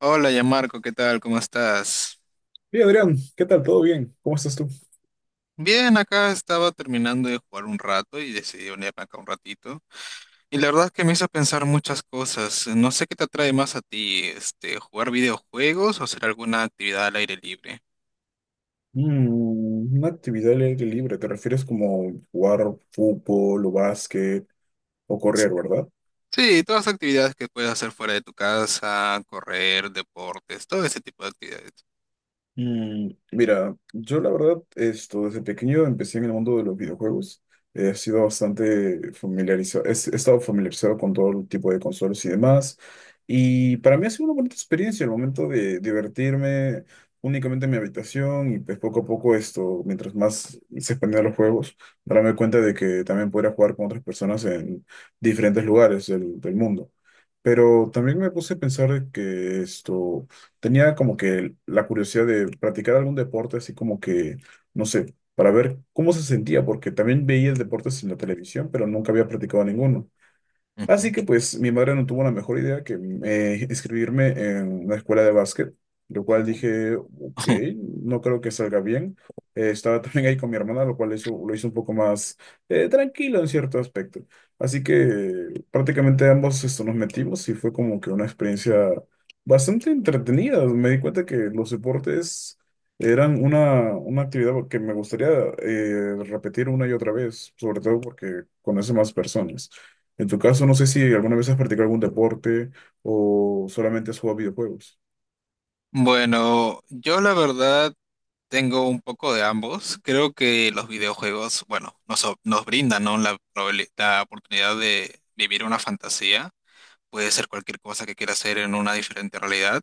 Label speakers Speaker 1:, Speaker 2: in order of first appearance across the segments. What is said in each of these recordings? Speaker 1: Hola, ya Marco, ¿qué tal? ¿Cómo estás?
Speaker 2: Hey Adrián, ¿qué tal? ¿Todo bien? ¿Cómo estás tú?
Speaker 1: Bien, acá estaba terminando de jugar un rato y decidí unirme acá un ratito. Y la verdad es que me hizo pensar muchas cosas. No sé qué te atrae más a ti, jugar videojuegos o hacer alguna actividad al aire libre.
Speaker 2: Mm, una actividad al aire libre, ¿te refieres como jugar fútbol o básquet o correr, verdad?
Speaker 1: Sí, todas las actividades que puedes hacer fuera de tu casa, correr, deportes, todo ese tipo de actividades.
Speaker 2: Mira, yo la verdad, desde pequeño empecé en el mundo de los videojuegos. He sido bastante familiarizado, he estado familiarizado con todo el tipo de consolas y demás. Y para mí ha sido una bonita experiencia el momento de divertirme únicamente en mi habitación y pues poco a poco mientras más se expandían los juegos, darme cuenta de que también podría jugar con otras personas en diferentes lugares del mundo. Pero también me puse a pensar de que esto tenía como que la curiosidad de practicar algún deporte, así como que, no sé, para ver cómo se sentía, porque también veía deportes en la televisión, pero nunca había practicado ninguno.
Speaker 1: Ujú.
Speaker 2: Así que pues mi madre no tuvo la mejor idea que inscribirme en una escuela de básquet, lo cual
Speaker 1: Oh.
Speaker 2: dije, ok, no creo que salga bien. Estaba también ahí con mi hermana, lo cual eso lo hizo un poco más tranquilo en cierto aspecto. Así que prácticamente ambos nos metimos y fue como que una experiencia bastante entretenida. Me di cuenta que los deportes eran una actividad que me gustaría repetir una y otra vez, sobre todo porque conoce más personas. En tu caso, no sé si alguna vez has practicado algún deporte o solamente has jugado videojuegos.
Speaker 1: Bueno, yo la verdad, tengo un poco de ambos. Creo que los videojuegos, bueno, nos brindan, ¿no?, la oportunidad de vivir una fantasía. Puede ser cualquier cosa que quiera hacer en una diferente realidad.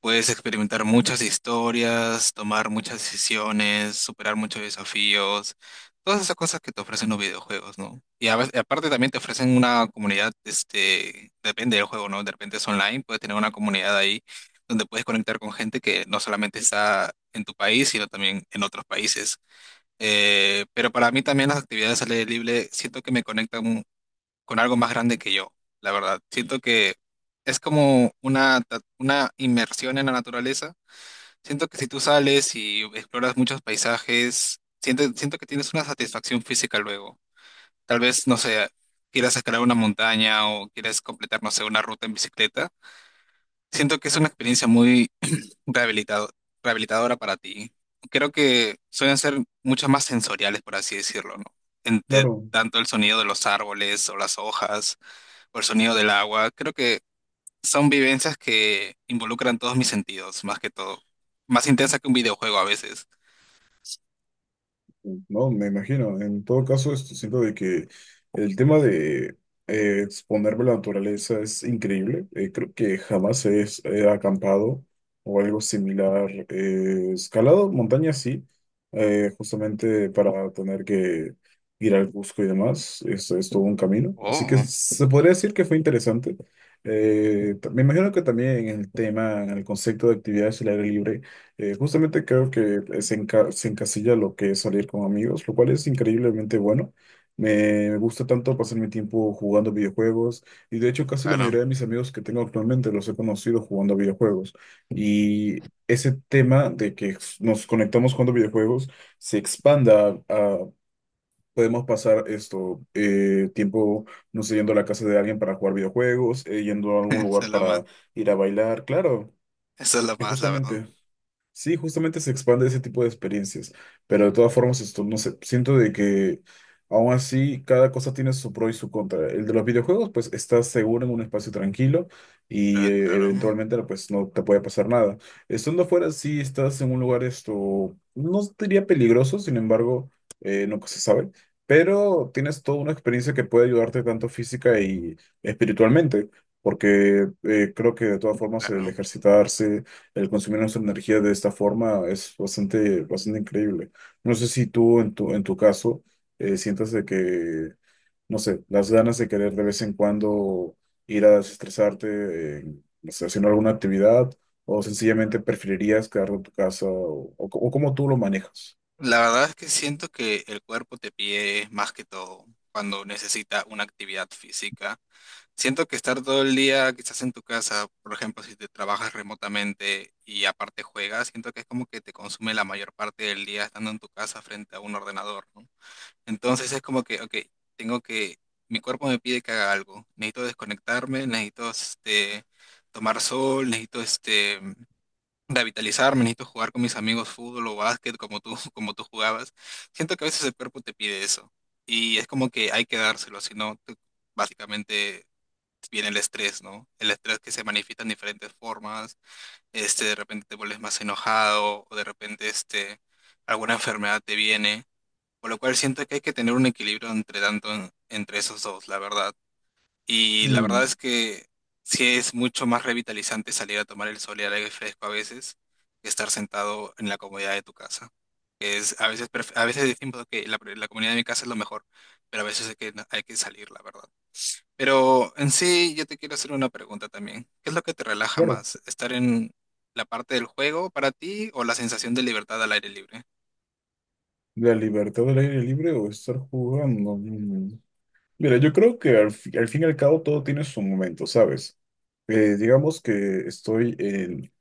Speaker 1: Puedes experimentar muchas historias, tomar muchas decisiones, superar muchos desafíos, todas esas cosas que te ofrecen los videojuegos, ¿no? Y aparte también te ofrecen una comunidad, depende del juego, ¿no? De repente es online, puedes tener una comunidad ahí donde puedes conectar con gente que no solamente está en tu país, sino también en otros países. Pero para mí también las actividades al aire libre siento que me conectan con algo más grande que yo, la verdad. Siento que es como una inmersión en la naturaleza. Siento que si tú sales y exploras muchos paisajes, siento que tienes una satisfacción física luego. Tal vez, no sé, quieras escalar una montaña o quieras completar, no sé, una ruta en bicicleta. Siento que es una experiencia muy rehabilitado- rehabilitadora para ti. Creo que suelen ser mucho más sensoriales, por así decirlo, ¿no? Entre
Speaker 2: Claro.
Speaker 1: tanto el sonido de los árboles o las hojas o el sonido del agua. Creo que son vivencias que involucran todos mis sentidos, más que todo. Más intensa que un videojuego a veces.
Speaker 2: No, me imagino. En todo caso, esto siento de que el tema de exponerme a la naturaleza es increíble. Creo que jamás he acampado o algo similar. Escalado montañas sí, justamente para tener que ir al Cusco y demás. Esto es todo un camino. Así que
Speaker 1: Oh,
Speaker 2: se podría decir que fue interesante. Me imagino que también en el tema, en el concepto de actividades al aire libre. Justamente creo que se encasilla lo que es salir con amigos, lo cual es increíblemente bueno. Me gusta tanto pasar mi tiempo jugando videojuegos y de hecho casi la
Speaker 1: claro.
Speaker 2: mayoría de mis amigos que tengo actualmente los he conocido jugando videojuegos. Y ese tema de que nos conectamos jugando videojuegos se expanda a... Podemos pasar tiempo, no sé, yendo a la casa de alguien para jugar videojuegos, yendo a algún
Speaker 1: Esa
Speaker 2: lugar
Speaker 1: es la más,
Speaker 2: para ir a bailar, claro.
Speaker 1: esa es la
Speaker 2: Y
Speaker 1: más, la verdad.
Speaker 2: justamente sí, justamente se expande ese tipo de experiencias, pero de todas formas, no sé, siento de que aún así cada cosa tiene su pro y su contra. El de los videojuegos, pues estás seguro en un espacio tranquilo y
Speaker 1: Claro, claro,
Speaker 2: eventualmente pues no te puede pasar nada. Estando afuera, sí estás en un lugar no diría peligroso, sin embargo, nunca se sabe, pero tienes toda una experiencia que puede ayudarte tanto física y espiritualmente, porque creo que de todas formas el
Speaker 1: claro.
Speaker 2: ejercitarse, el consumir nuestra energía de esta forma es bastante increíble. No sé si tú en tu caso sientas de que, no sé, las ganas de querer de vez en cuando ir a desestresarte, no sé, haciendo alguna actividad, o sencillamente preferirías quedarte en tu casa, o cómo tú lo manejas.
Speaker 1: La verdad es que siento que el cuerpo te pide más que todo cuando necesita una actividad física. Siento que estar todo el día quizás en tu casa, por ejemplo, si te trabajas remotamente y aparte juegas, siento que es como que te consume la mayor parte del día estando en tu casa frente a un ordenador, ¿no? Entonces es como que, ok, tengo que, mi cuerpo me pide que haga algo. Necesito desconectarme, necesito, tomar sol, necesito, revitalizarme, necesito jugar con mis amigos fútbol o básquet como tú, como tú jugabas. Siento que a veces el cuerpo te pide eso. Y es como que hay que dárselo, si no, básicamente viene el estrés, ¿no? El estrés que se manifiesta en diferentes formas. De repente te vuelves más enojado o de repente, alguna enfermedad te viene. Por lo cual siento que hay que tener un equilibrio entre tanto, entre esos dos, la verdad. Y la verdad
Speaker 2: Mm,
Speaker 1: es que sí es mucho más revitalizante salir a tomar el sol y el aire fresco a veces que estar sentado en la comodidad de tu casa. Que es, a veces, a veces decimos que la comunidad de mi casa es lo mejor, pero a veces hay que salir, la verdad. Pero en sí, yo te quiero hacer una pregunta también. ¿Qué es lo que te relaja
Speaker 2: claro,
Speaker 1: más? ¿Estar en la parte del juego para ti o la sensación de libertad al aire libre?
Speaker 2: la libertad del aire libre o estar jugando. Mm. Mira, yo creo que al fin y al cabo todo tiene su momento, ¿sabes? Digamos que estoy en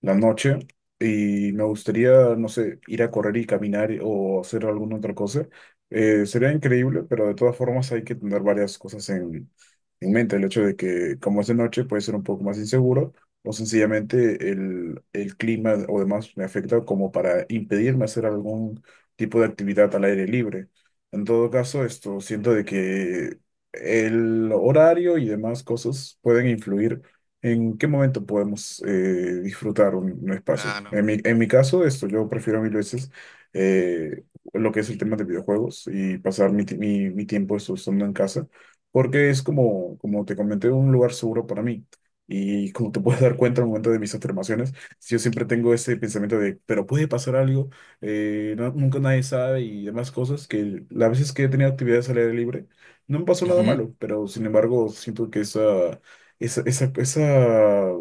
Speaker 2: la noche y me gustaría, no sé, ir a correr y caminar o hacer alguna otra cosa. Sería increíble, pero de todas formas hay que tener varias cosas en mente. El hecho de que como es de noche puede ser un poco más inseguro o sencillamente el clima o demás me afecta como para impedirme hacer algún tipo de actividad al aire libre. En todo caso, esto siento de que el horario y demás cosas pueden influir. ¿En qué momento podemos disfrutar un espacio?
Speaker 1: Claro.
Speaker 2: En mi caso, yo prefiero mil veces eh, lo que es el tema de videojuegos y pasar mi tiempo estando en casa, porque es como, como te comenté, un lugar seguro para mí. Y como te puedes dar cuenta al momento de mis afirmaciones, yo siempre tengo ese pensamiento de, pero puede pasar algo, nunca nadie sabe y demás cosas, que las veces que he tenido actividades al aire libre, no me pasó nada
Speaker 1: Ujú.
Speaker 2: malo, pero sin embargo siento que esa, esa, esa,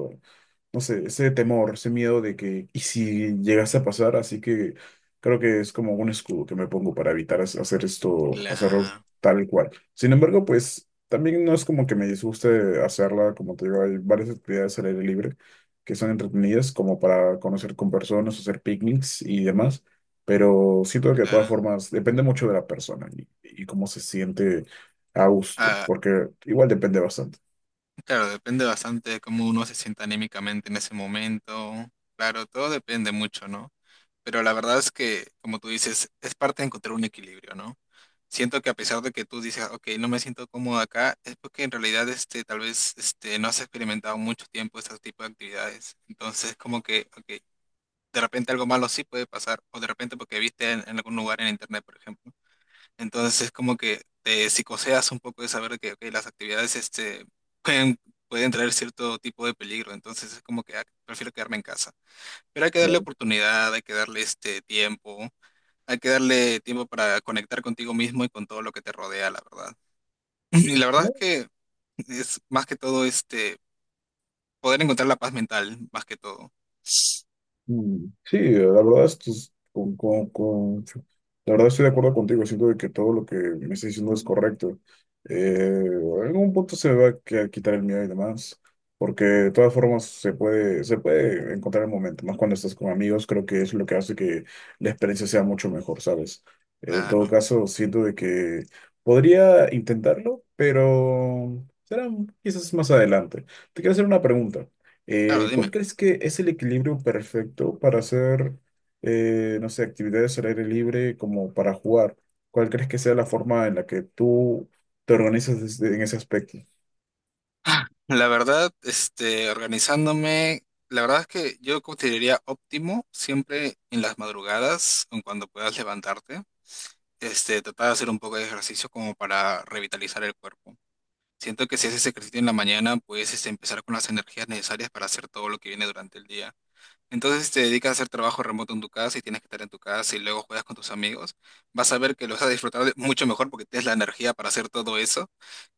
Speaker 2: no sé, ese temor, ese miedo de que, ¿y si llegase a pasar? Así que creo que es como un escudo que me pongo para evitar hacer hacerlo
Speaker 1: Claro,
Speaker 2: tal cual. Sin embargo, pues también no es como que me disguste hacerla, como te digo, hay varias actividades al aire libre que son entretenidas, como para conocer con personas, hacer picnics y demás. Pero siento que de todas
Speaker 1: claro.
Speaker 2: formas depende mucho de la persona y cómo se siente a gusto,
Speaker 1: Ah,
Speaker 2: porque igual depende bastante.
Speaker 1: claro, depende bastante de cómo uno se sienta anímicamente en ese momento. Claro, todo depende mucho, ¿no? Pero la verdad es que, como tú dices, es parte de encontrar un equilibrio, ¿no? Siento que a pesar de que tú dices, ok, no me siento cómodo acá, es porque en realidad, tal vez, no has experimentado mucho tiempo este tipo de actividades. Entonces, como que, ok, de repente algo malo sí puede pasar, o de repente porque viste en algún lugar en internet, por ejemplo. Entonces es como que te psicoseas un poco de saber que ok, las actividades, pueden, pueden traer cierto tipo de peligro. Entonces es como que ah, prefiero quedarme en casa. Pero hay que darle
Speaker 2: Claro.
Speaker 1: oportunidad, hay que darle este tiempo, hay que darle tiempo para conectar contigo mismo y con todo lo que te rodea, la verdad. Y la verdad es que es más que todo, poder encontrar la paz mental, más que todo.
Speaker 2: Mm, sí, la verdad, esto es con- sí, la verdad estoy de acuerdo contigo, siento de que todo lo que me estás diciendo es correcto. En algún punto se me va a quitar el miedo y demás, porque de todas formas se puede encontrar el momento, más cuando estás con amigos, creo que es lo que hace que la experiencia sea mucho mejor, ¿sabes? En todo
Speaker 1: Claro.
Speaker 2: caso, siento de que podría intentarlo, pero será quizás más adelante. Te quiero hacer una pregunta.
Speaker 1: Claro,
Speaker 2: ¿Cuál
Speaker 1: dime.
Speaker 2: crees que es el equilibrio perfecto para hacer, no sé, actividades al aire libre como para jugar? ¿Cuál crees que sea la forma en la que tú te organizas en ese aspecto?
Speaker 1: La verdad, organizándome, la verdad es que yo consideraría óptimo siempre en las madrugadas, en cuando puedas levantarte, tratar de hacer un poco de ejercicio como para revitalizar el cuerpo. Siento que si haces ejercicio en la mañana, puedes, empezar con las energías necesarias para hacer todo lo que viene durante el día. Entonces, si te dedicas a hacer trabajo remoto en tu casa y tienes que estar en tu casa y luego juegas con tus amigos, vas a ver que lo vas a mucho mejor porque tienes la energía para hacer todo eso.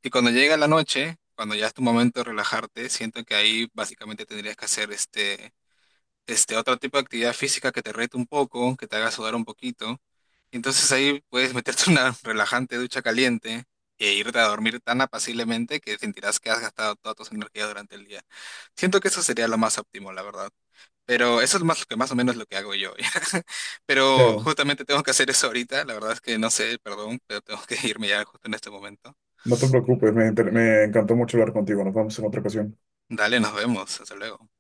Speaker 1: Y cuando llega la noche, cuando ya es tu momento de relajarte, siento que ahí básicamente tendrías que hacer, este otro tipo de actividad física que te rete un poco, que te haga sudar un poquito. Entonces ahí puedes meterte una relajante ducha caliente e irte a dormir tan apaciblemente que sentirás que has gastado toda tu energía durante el día. Siento que eso sería lo más óptimo, la verdad. Pero eso es más lo que más o menos lo que hago yo. Pero
Speaker 2: Claro,
Speaker 1: justamente tengo que hacer eso ahorita. La verdad es que no sé, perdón, pero tengo que irme ya justo en este momento.
Speaker 2: no te preocupes, me encantó mucho hablar contigo. Nos vemos en otra ocasión.
Speaker 1: Dale, nos vemos. Hasta luego.